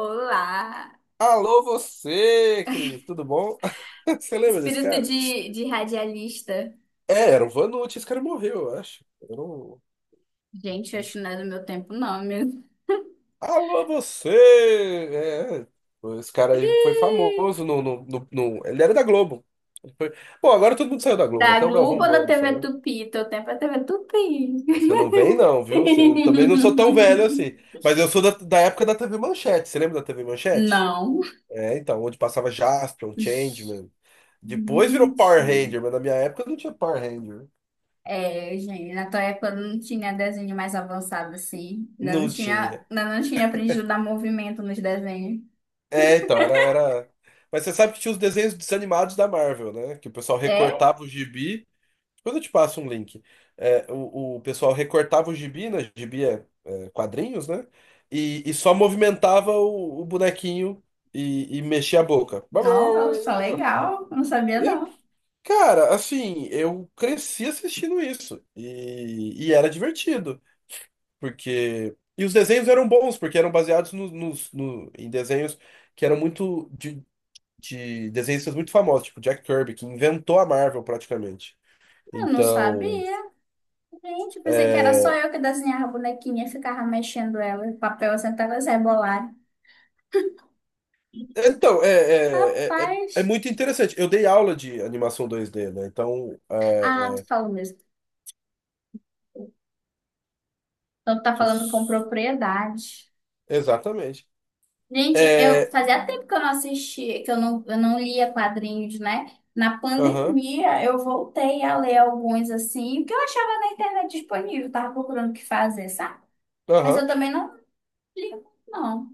Olá! Alô, você, Cris, tudo bom? Você lembra desse Espírito cara? de radialista. Era o Vanucci, esse cara morreu, eu acho. Gente, acho que não é do meu tempo, não, meu. Alô, você! Esse cara aí foi Ih. famoso ele era da Globo. Ele foi- Bom, agora todo mundo saiu da Globo, Da né? Até o Globo Galvão ou da Bueno TV saiu. Tupi? Teu tempo é TV Tupi. Você não vem, não, viu? Eu também não sou tão velho assim. Mas eu sou da época da TV Manchete. Você lembra da TV Manchete? Não. É, então, onde passava Jaspion, Gente. Changeman. Depois virou Power Ranger, mas na minha época não tinha Power Ranger. É, gente, na tua época não tinha desenho mais avançado assim. Ainda não Não tinha, tinha. ainda não tinha aprendido a dar movimento nos desenhos. É, então, era. Mas você sabe que tinha os desenhos desanimados da Marvel, né? Que o pessoal É? recortava o gibi. Depois eu te passo um link. É, o pessoal recortava o gibi, né? Gibi é quadrinhos, né? E só movimentava o bonequinho e mexia a boca. Não, eu sou legal. Eu não sabia, E, não. cara, assim, eu cresci assistindo isso. E era divertido. Porque. E os desenhos eram bons, porque eram baseados em desenhos que eram de desenhistas muito famosos, tipo Jack Kirby, que inventou a Marvel praticamente. Eu não Então, sabia. Gente, eu pensei que era só é, eu que desenhava a bonequinha, e ficava mexendo ela, o papel assim, até elas rebolarem. então é, é Rapaz. muito interessante. Eu dei aula de animação 2D, né? Ah, tu é, falou mesmo. Então tu tá deixa falando com propriedade. exatamente. Gente, eu É, fazia tempo que eu não assistia, que eu não lia quadrinhos, né? Na aham, pandemia eu voltei a ler alguns assim, que eu achava na internet disponível, tava procurando o que fazer, sabe? Mas aham. eu também não li, muito, não.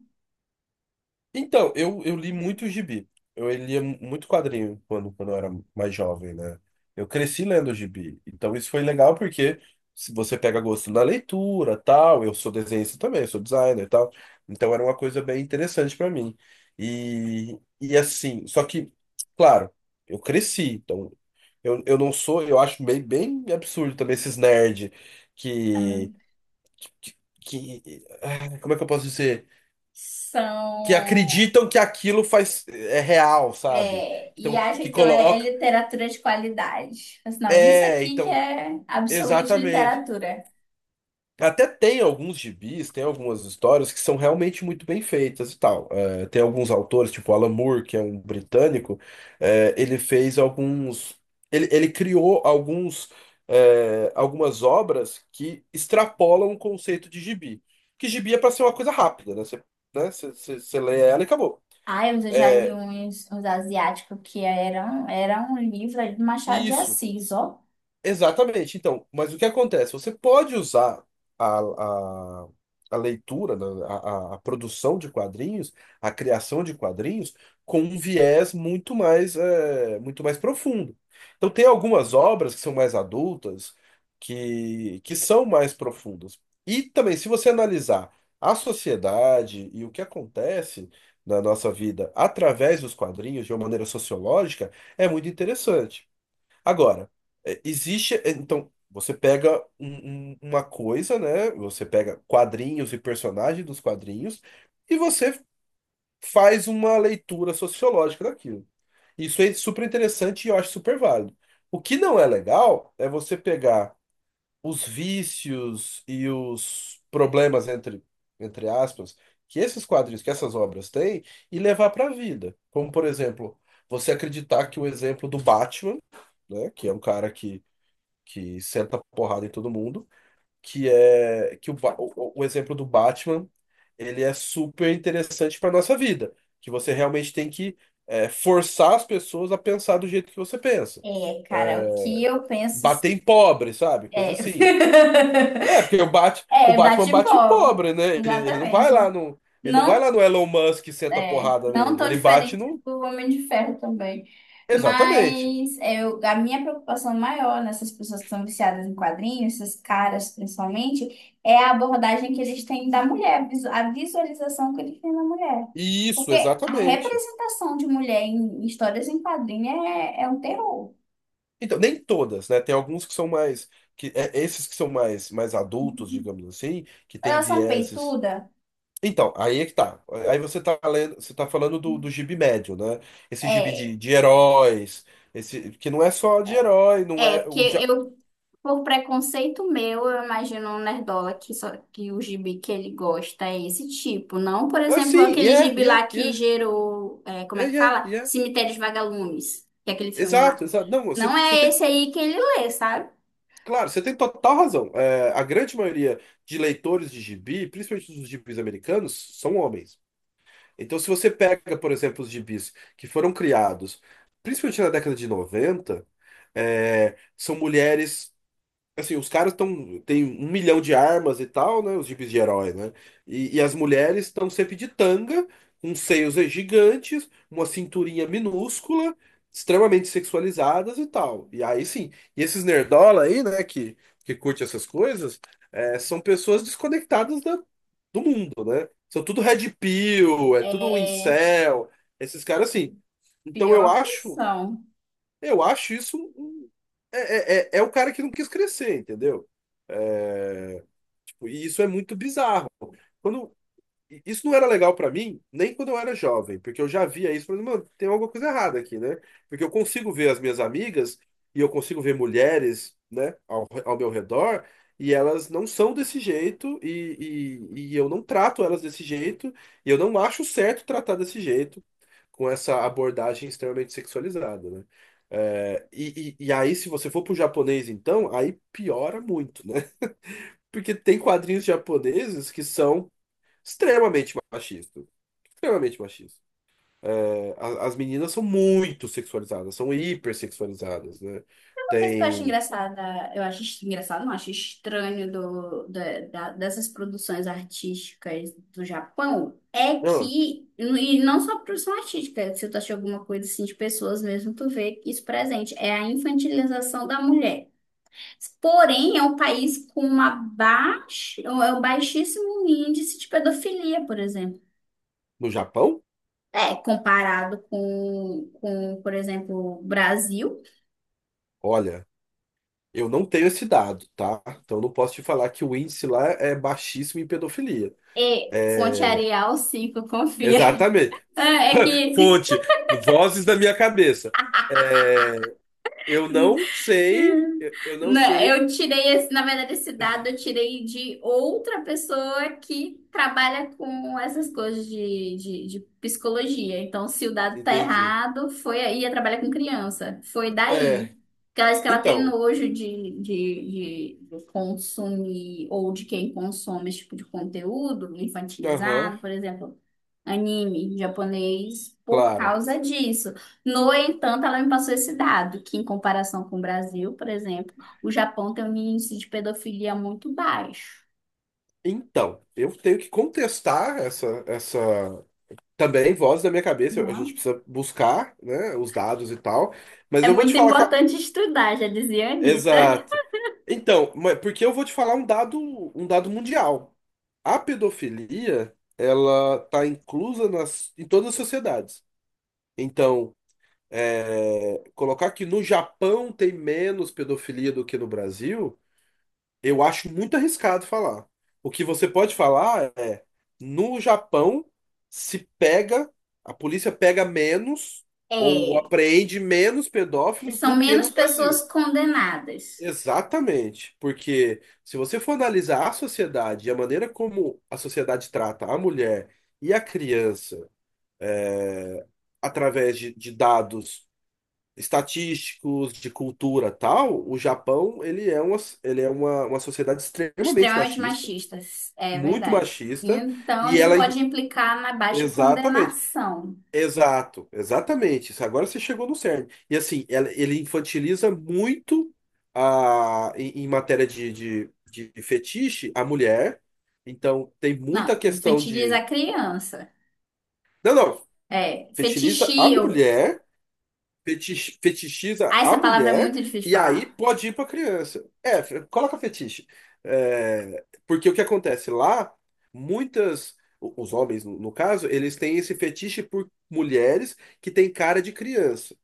Então, eu li muito gibi. Eu lia muito quadrinho quando eu era mais jovem, né? Eu cresci lendo gibi. Então, isso foi legal porque se você pega gosto na leitura, tal, eu sou desenhista também, sou designer e tal. Então, era uma coisa bem interessante para mim. E assim, só que, claro, eu cresci. Então, eu não sou, eu acho bem, bem absurdo também esses nerd Ah, que, ah, como é que eu posso dizer? Que são. acreditam que aquilo faz é real, sabe? É, e Então, acha que que ela é coloca. literatura de qualidade. Mas não, isso É, aqui que então, é absoluta exatamente. literatura. Até tem alguns gibis, tem algumas histórias que são realmente muito bem feitas e tal. É, tem alguns autores, tipo Alan Moore, que é um britânico, ele fez alguns. Ele criou alguns, algumas obras que extrapolam o conceito de gibi. Que gibi é para ser uma coisa rápida, né? Você lê ela e acabou. Ai, mas eu já li uns asiáticos que era um livro aí do Machado de Isso. Assis, ó. Exatamente. Então, mas o que acontece? Você pode usar a, a, a leitura, né, a produção de quadrinhos, a criação de quadrinhos, com um viés muito mais, muito mais profundo. Então, tem algumas obras que são mais adultas, que são mais profundas. E também, se você analisar a sociedade e o que acontece na nossa vida através dos quadrinhos, de uma maneira sociológica, é muito interessante. Agora, então, você pega uma coisa, né? Você pega quadrinhos e personagens dos quadrinhos e você faz uma leitura sociológica daquilo. Isso é super interessante e eu acho super válido. O que não é legal é você pegar os vícios e os problemas entre aspas, que esses quadrinhos, que essas obras têm, e levar para a vida. Como, por exemplo, você acreditar que o exemplo do Batman, né, que é um cara que senta porrada em todo mundo, que é que o, Ba- o exemplo do Batman, ele é super interessante para nossa vida, que você realmente tem que forçar as pessoas a pensar do jeito que você pensa. É, cara, o que eu penso Bater em pobre, sabe? Coisa é, assim. É, porque o é Batman bate em bate-pó, pobre, né? Ele não vai lá exatamente. no, ele não vai Não. lá no Elon Musk e senta a É, porrada não nele. tão Ele bate diferente no, do Homem de Ferro também. exatamente. Mas eu, a minha preocupação maior nessas pessoas que são viciadas em quadrinhos, esses caras principalmente, é a abordagem que eles têm da mulher, a visualização que eles têm da mulher. Isso, Porque a exatamente. representação de mulher em histórias em quadrinhos é um terror. Então, nem todas, né? Tem alguns que são esses que são mais adultos, digamos assim, que têm Elas são vieses. peituda? Então, aí é que tá. Aí você tá lendo, você tá falando do gibi médio, né? Esse gibi de, É. de heróis, esse que não é só de é, herói, não É, é porque o já. eu, por preconceito meu, eu imagino um nerdola que, só, que o gibi que ele gosta é esse tipo. Não, por Ah, exemplo, sim, aquele yeah, gibi yeah, lá que yeah, gerou, como é yeah, que yeah, fala? yeah. Cemitérios Vagalumes, que é aquele filme lá. Exato, exato. Não, você, Não você é tem, esse aí que ele lê, sabe? claro, você tem total razão. É, a grande maioria de leitores de gibi, principalmente dos gibis americanos, são homens. Então, se você pega, por exemplo, os gibis que foram criados, principalmente na década de 90 são mulheres. Assim, os caras estão tem 1 milhão de armas e tal, né? Os jipes de herói, né? E as mulheres estão sempre de tanga, com seios gigantes, uma cinturinha minúscula, extremamente sexualizadas e tal. E aí sim, e esses nerdola aí, né, que curte essas coisas, são pessoas desconectadas do mundo, né? São tudo red pill, é tudo É, incel, esses caras assim. Então eu pior que acho, são. eu acho isso. É o cara que não quis crescer, entendeu? E isso é muito bizarro. Quando isso não era legal pra mim, nem quando eu era jovem, porque eu já via isso, falando, mano, tem alguma coisa errada aqui, né? Porque eu consigo ver as minhas amigas e eu consigo ver mulheres, né, ao meu redor, e elas não são desse jeito e eu não trato elas desse jeito e eu não acho certo tratar desse jeito com essa abordagem extremamente sexualizada, né? É, e aí, se você for pro japonês, então, aí piora muito, né? Porque tem quadrinhos japoneses que são extremamente machistas. Extremamente machistas. É, as meninas são muito sexualizadas, são hipersexualizadas, né? Uma coisa que eu acho Tem. engraçada, eu acho engraçado, não, acho estranho dessas produções artísticas do Japão é Não, que, e não só produção artística, se tu achar alguma coisa assim de pessoas mesmo, tu vê isso presente, é a infantilização da mulher. Porém, é um país com uma baixa, é um baixíssimo índice de pedofilia, por exemplo. no Japão, É, comparado com, por exemplo, o Brasil. olha, eu não tenho esse dado, tá? Então eu não posso te falar que o índice lá é baixíssimo em pedofilia. E fonte É, Arial 5 confia. exatamente. Ah, é que Fonte, vozes da minha cabeça. É, eu não sei, eu não sei. eu tirei esse, na verdade, esse dado eu tirei de outra pessoa que trabalha com essas coisas de psicologia. Então, se o dado tá Entendi. errado, foi aí, ela trabalha com criança. Foi daí. É, Porque ela diz que ela tem então. nojo de, de consumir ou de quem consome esse tipo de conteúdo Aham, infantilizado, por exemplo, anime japonês, por claro. causa disso. No entanto, ela me passou esse dado, que em comparação com o Brasil, por exemplo, o Japão tem um índice de pedofilia muito baixo. Então, eu tenho que contestar essa também voz da minha cabeça. A gente Uhum. precisa buscar, né, os dados e tal. Mas É eu vou te muito falar que. A- importante estudar, já dizia a Anitta. Exato. Então, porque eu vou te falar um dado mundial. A pedofilia, ela tá inclusa em todas as sociedades. Então, colocar que no Japão tem menos pedofilia do que no Brasil. Eu acho muito arriscado falar. O que você pode falar é, no Japão se pega, a polícia pega menos ou É, apreende menos pedófilos são do que menos no pessoas Brasil. condenadas, Exatamente, porque se você for analisar a sociedade e a maneira como a sociedade trata a mulher e a criança através de dados estatísticos, de cultura tal, o Japão uma sociedade extremamente extremamente machista machistas, é muito verdade. machista Então, e isso ela pode implicar na baixa exatamente, condenação. exato, exatamente. Isso, agora você chegou no cerne. E assim, ele infantiliza muito a em matéria de fetiche a mulher. Então tem muita Não, questão infantiliza de. a criança. Não, não, É, fetiliza a fetichio. mulher fetich- fetichiza Ah, a essa palavra é mulher muito difícil de e aí falar. pode ir para criança. É, coloca fetiche. É, porque o que acontece lá, os homens no caso, eles têm esse fetiche por mulheres que têm cara de criança.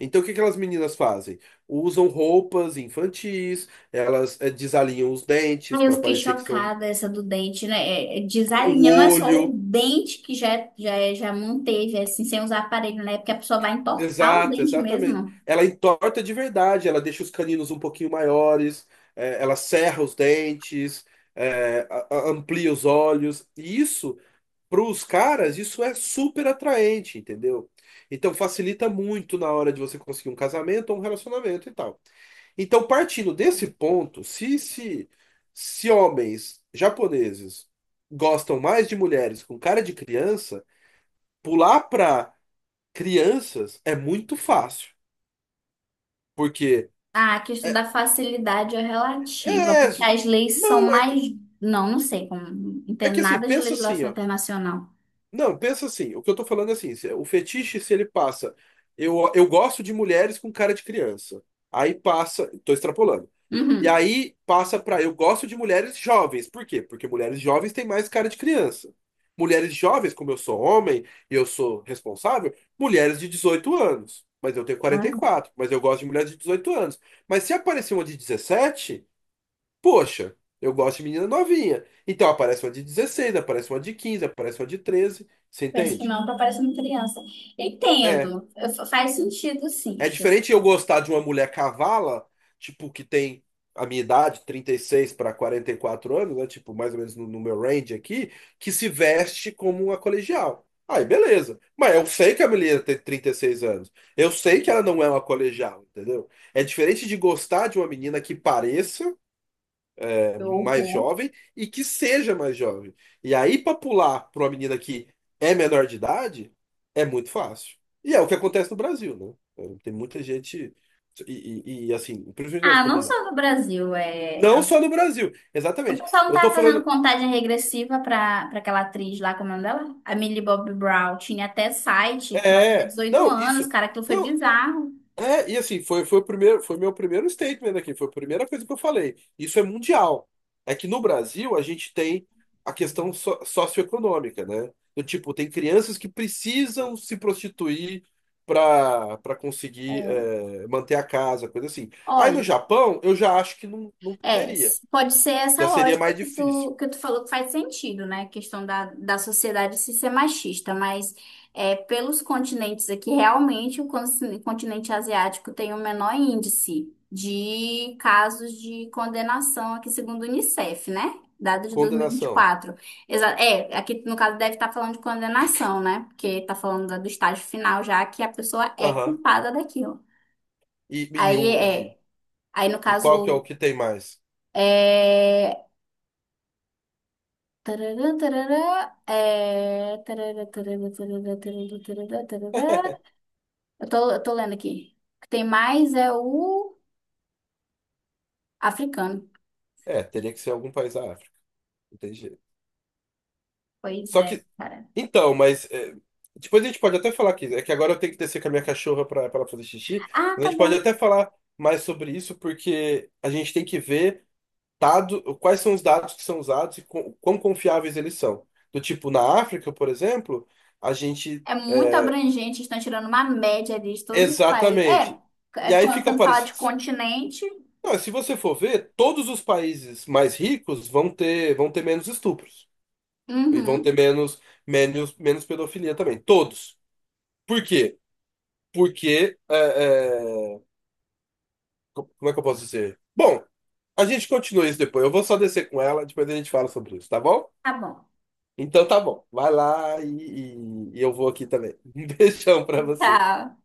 Então, o que aquelas meninas fazem? Usam roupas infantis, elas desalinham os dentes Ai, eu para fiquei parecer que são chocada essa do dente, né? O Desalinha, não é só o olho. dente que já manteve, é assim, sem usar aparelho, né? É. Porque a pessoa vai entortar o Exato, dente exatamente. mesmo. Ela entorta de verdade, ela deixa os caninos um pouquinho maiores, ela serra os dentes, amplia os olhos. E isso, para os caras, isso é super atraente, entendeu? Então facilita muito na hora de você conseguir um casamento ou um relacionamento e tal. Então, partindo desse ponto, se homens japoneses gostam mais de mulheres com cara de criança, pular para crianças é muito fácil. Porque Ah, a questão da é, facilidade é relativa, é, porque as leis são não, mais. Não, não sei como. Não é entendo que assim, nada de pensa assim, legislação ó. internacional. Não, pensa assim, o que eu tô falando é assim, o fetiche, se ele passa, eu gosto de mulheres com cara de criança. Aí passa, tô extrapolando. E Uhum. aí passa pra eu gosto de mulheres jovens. Por quê? Porque mulheres jovens têm mais cara de criança. Mulheres jovens, como eu sou homem e eu sou responsável, mulheres de 18 anos. Mas eu tenho 44 mas eu gosto de mulheres de 18 anos. Mas se aparecer uma de 17. Poxa, eu gosto de menina novinha. Então aparece uma de 16, aparece uma de 15, aparece uma de 13. Você Parece que entende? não, tá parecendo criança. É. Entendo. Faz sentido, sim, É Chico. diferente eu gostar de uma mulher cavala, tipo, que tem a minha idade, 36 para 44 anos, né? Tipo, mais ou menos no meu range aqui, que se veste como uma colegial. Aí, beleza. Mas eu sei que a mulher tem 36 anos. Eu sei que ela não é uma colegial, entendeu? É diferente de gostar de uma menina que pareça. Que Mais horror. jovem e que seja mais jovem. E aí, para pular para uma menina que é menor de idade, é muito fácil. E é o que acontece no Brasil, né? Então, tem muita gente. E, e, assim, principalmente nas Ah, não comunidades. só no Brasil, é. Não só no Brasil, O exatamente. pessoal não Eu tô tava fazendo falando. contagem regressiva pra aquela atriz lá, como é o nome dela? A Millie Bobby Brown. Tinha até site pra fazer É, 18 não, anos, isso. cara. Aquilo foi Não, bizarro. é, e assim, foi o primeiro, foi meu primeiro statement aqui, foi a primeira coisa que eu falei. Isso é mundial. É que no Brasil a gente tem a questão socioeconômica, né? Do tipo, tem crianças que precisam se prostituir para conseguir É. Manter a casa, coisa assim. Aí no Olha, Japão, eu já acho que não, não teria. Pode ser essa Já seria lógica mais que difícil. tu, que tu falou que faz sentido, né? A questão da sociedade se ser machista, mas pelos continentes aqui, realmente o continente asiático tem o menor índice de casos de condenação aqui, segundo o Unicef, né? Dado de Condenação. 2024. Aqui no caso deve estar falando de condenação, né? Porque está falando do estágio final já que a pessoa é Aham. culpada daquilo. E, e, Aí o- e, aí no e qual que é o caso. que tem mais? É, tararã, tararã, é, tararã, tararã, tararã, tararã, tararã, tararã. Eu tô lendo aqui. O que tem mais é o africano. É, teria que ser algum país da África. Não tem jeito. Pois Só é, que, cara. Então, depois a gente pode até falar aqui. É que agora eu tenho que descer com a minha cachorra para ela fazer xixi. Ah, Mas a tá gente pode bom. até falar mais sobre isso, porque a gente tem que ver dado, quais são os dados que são usados e com, quão confiáveis eles são. Do tipo, na África, por exemplo, a gente. É muito é, abrangente, estão tirando uma média ali de todos os países. É, exatamente. E é aí quando fica quando fala de parecido. continente. Não, se você for ver, todos os países mais ricos vão ter menos estupros. E vão ter Uhum. Menos pedofilia também. Todos. Por quê? Porque, é, é, como é que eu posso dizer? Bom, a gente continua isso depois. Eu vou só descer com ela, depois a gente fala sobre isso, tá bom? Tá bom. Então tá bom. Vai lá e eu vou aqui também. Um beijão pra você. Tá.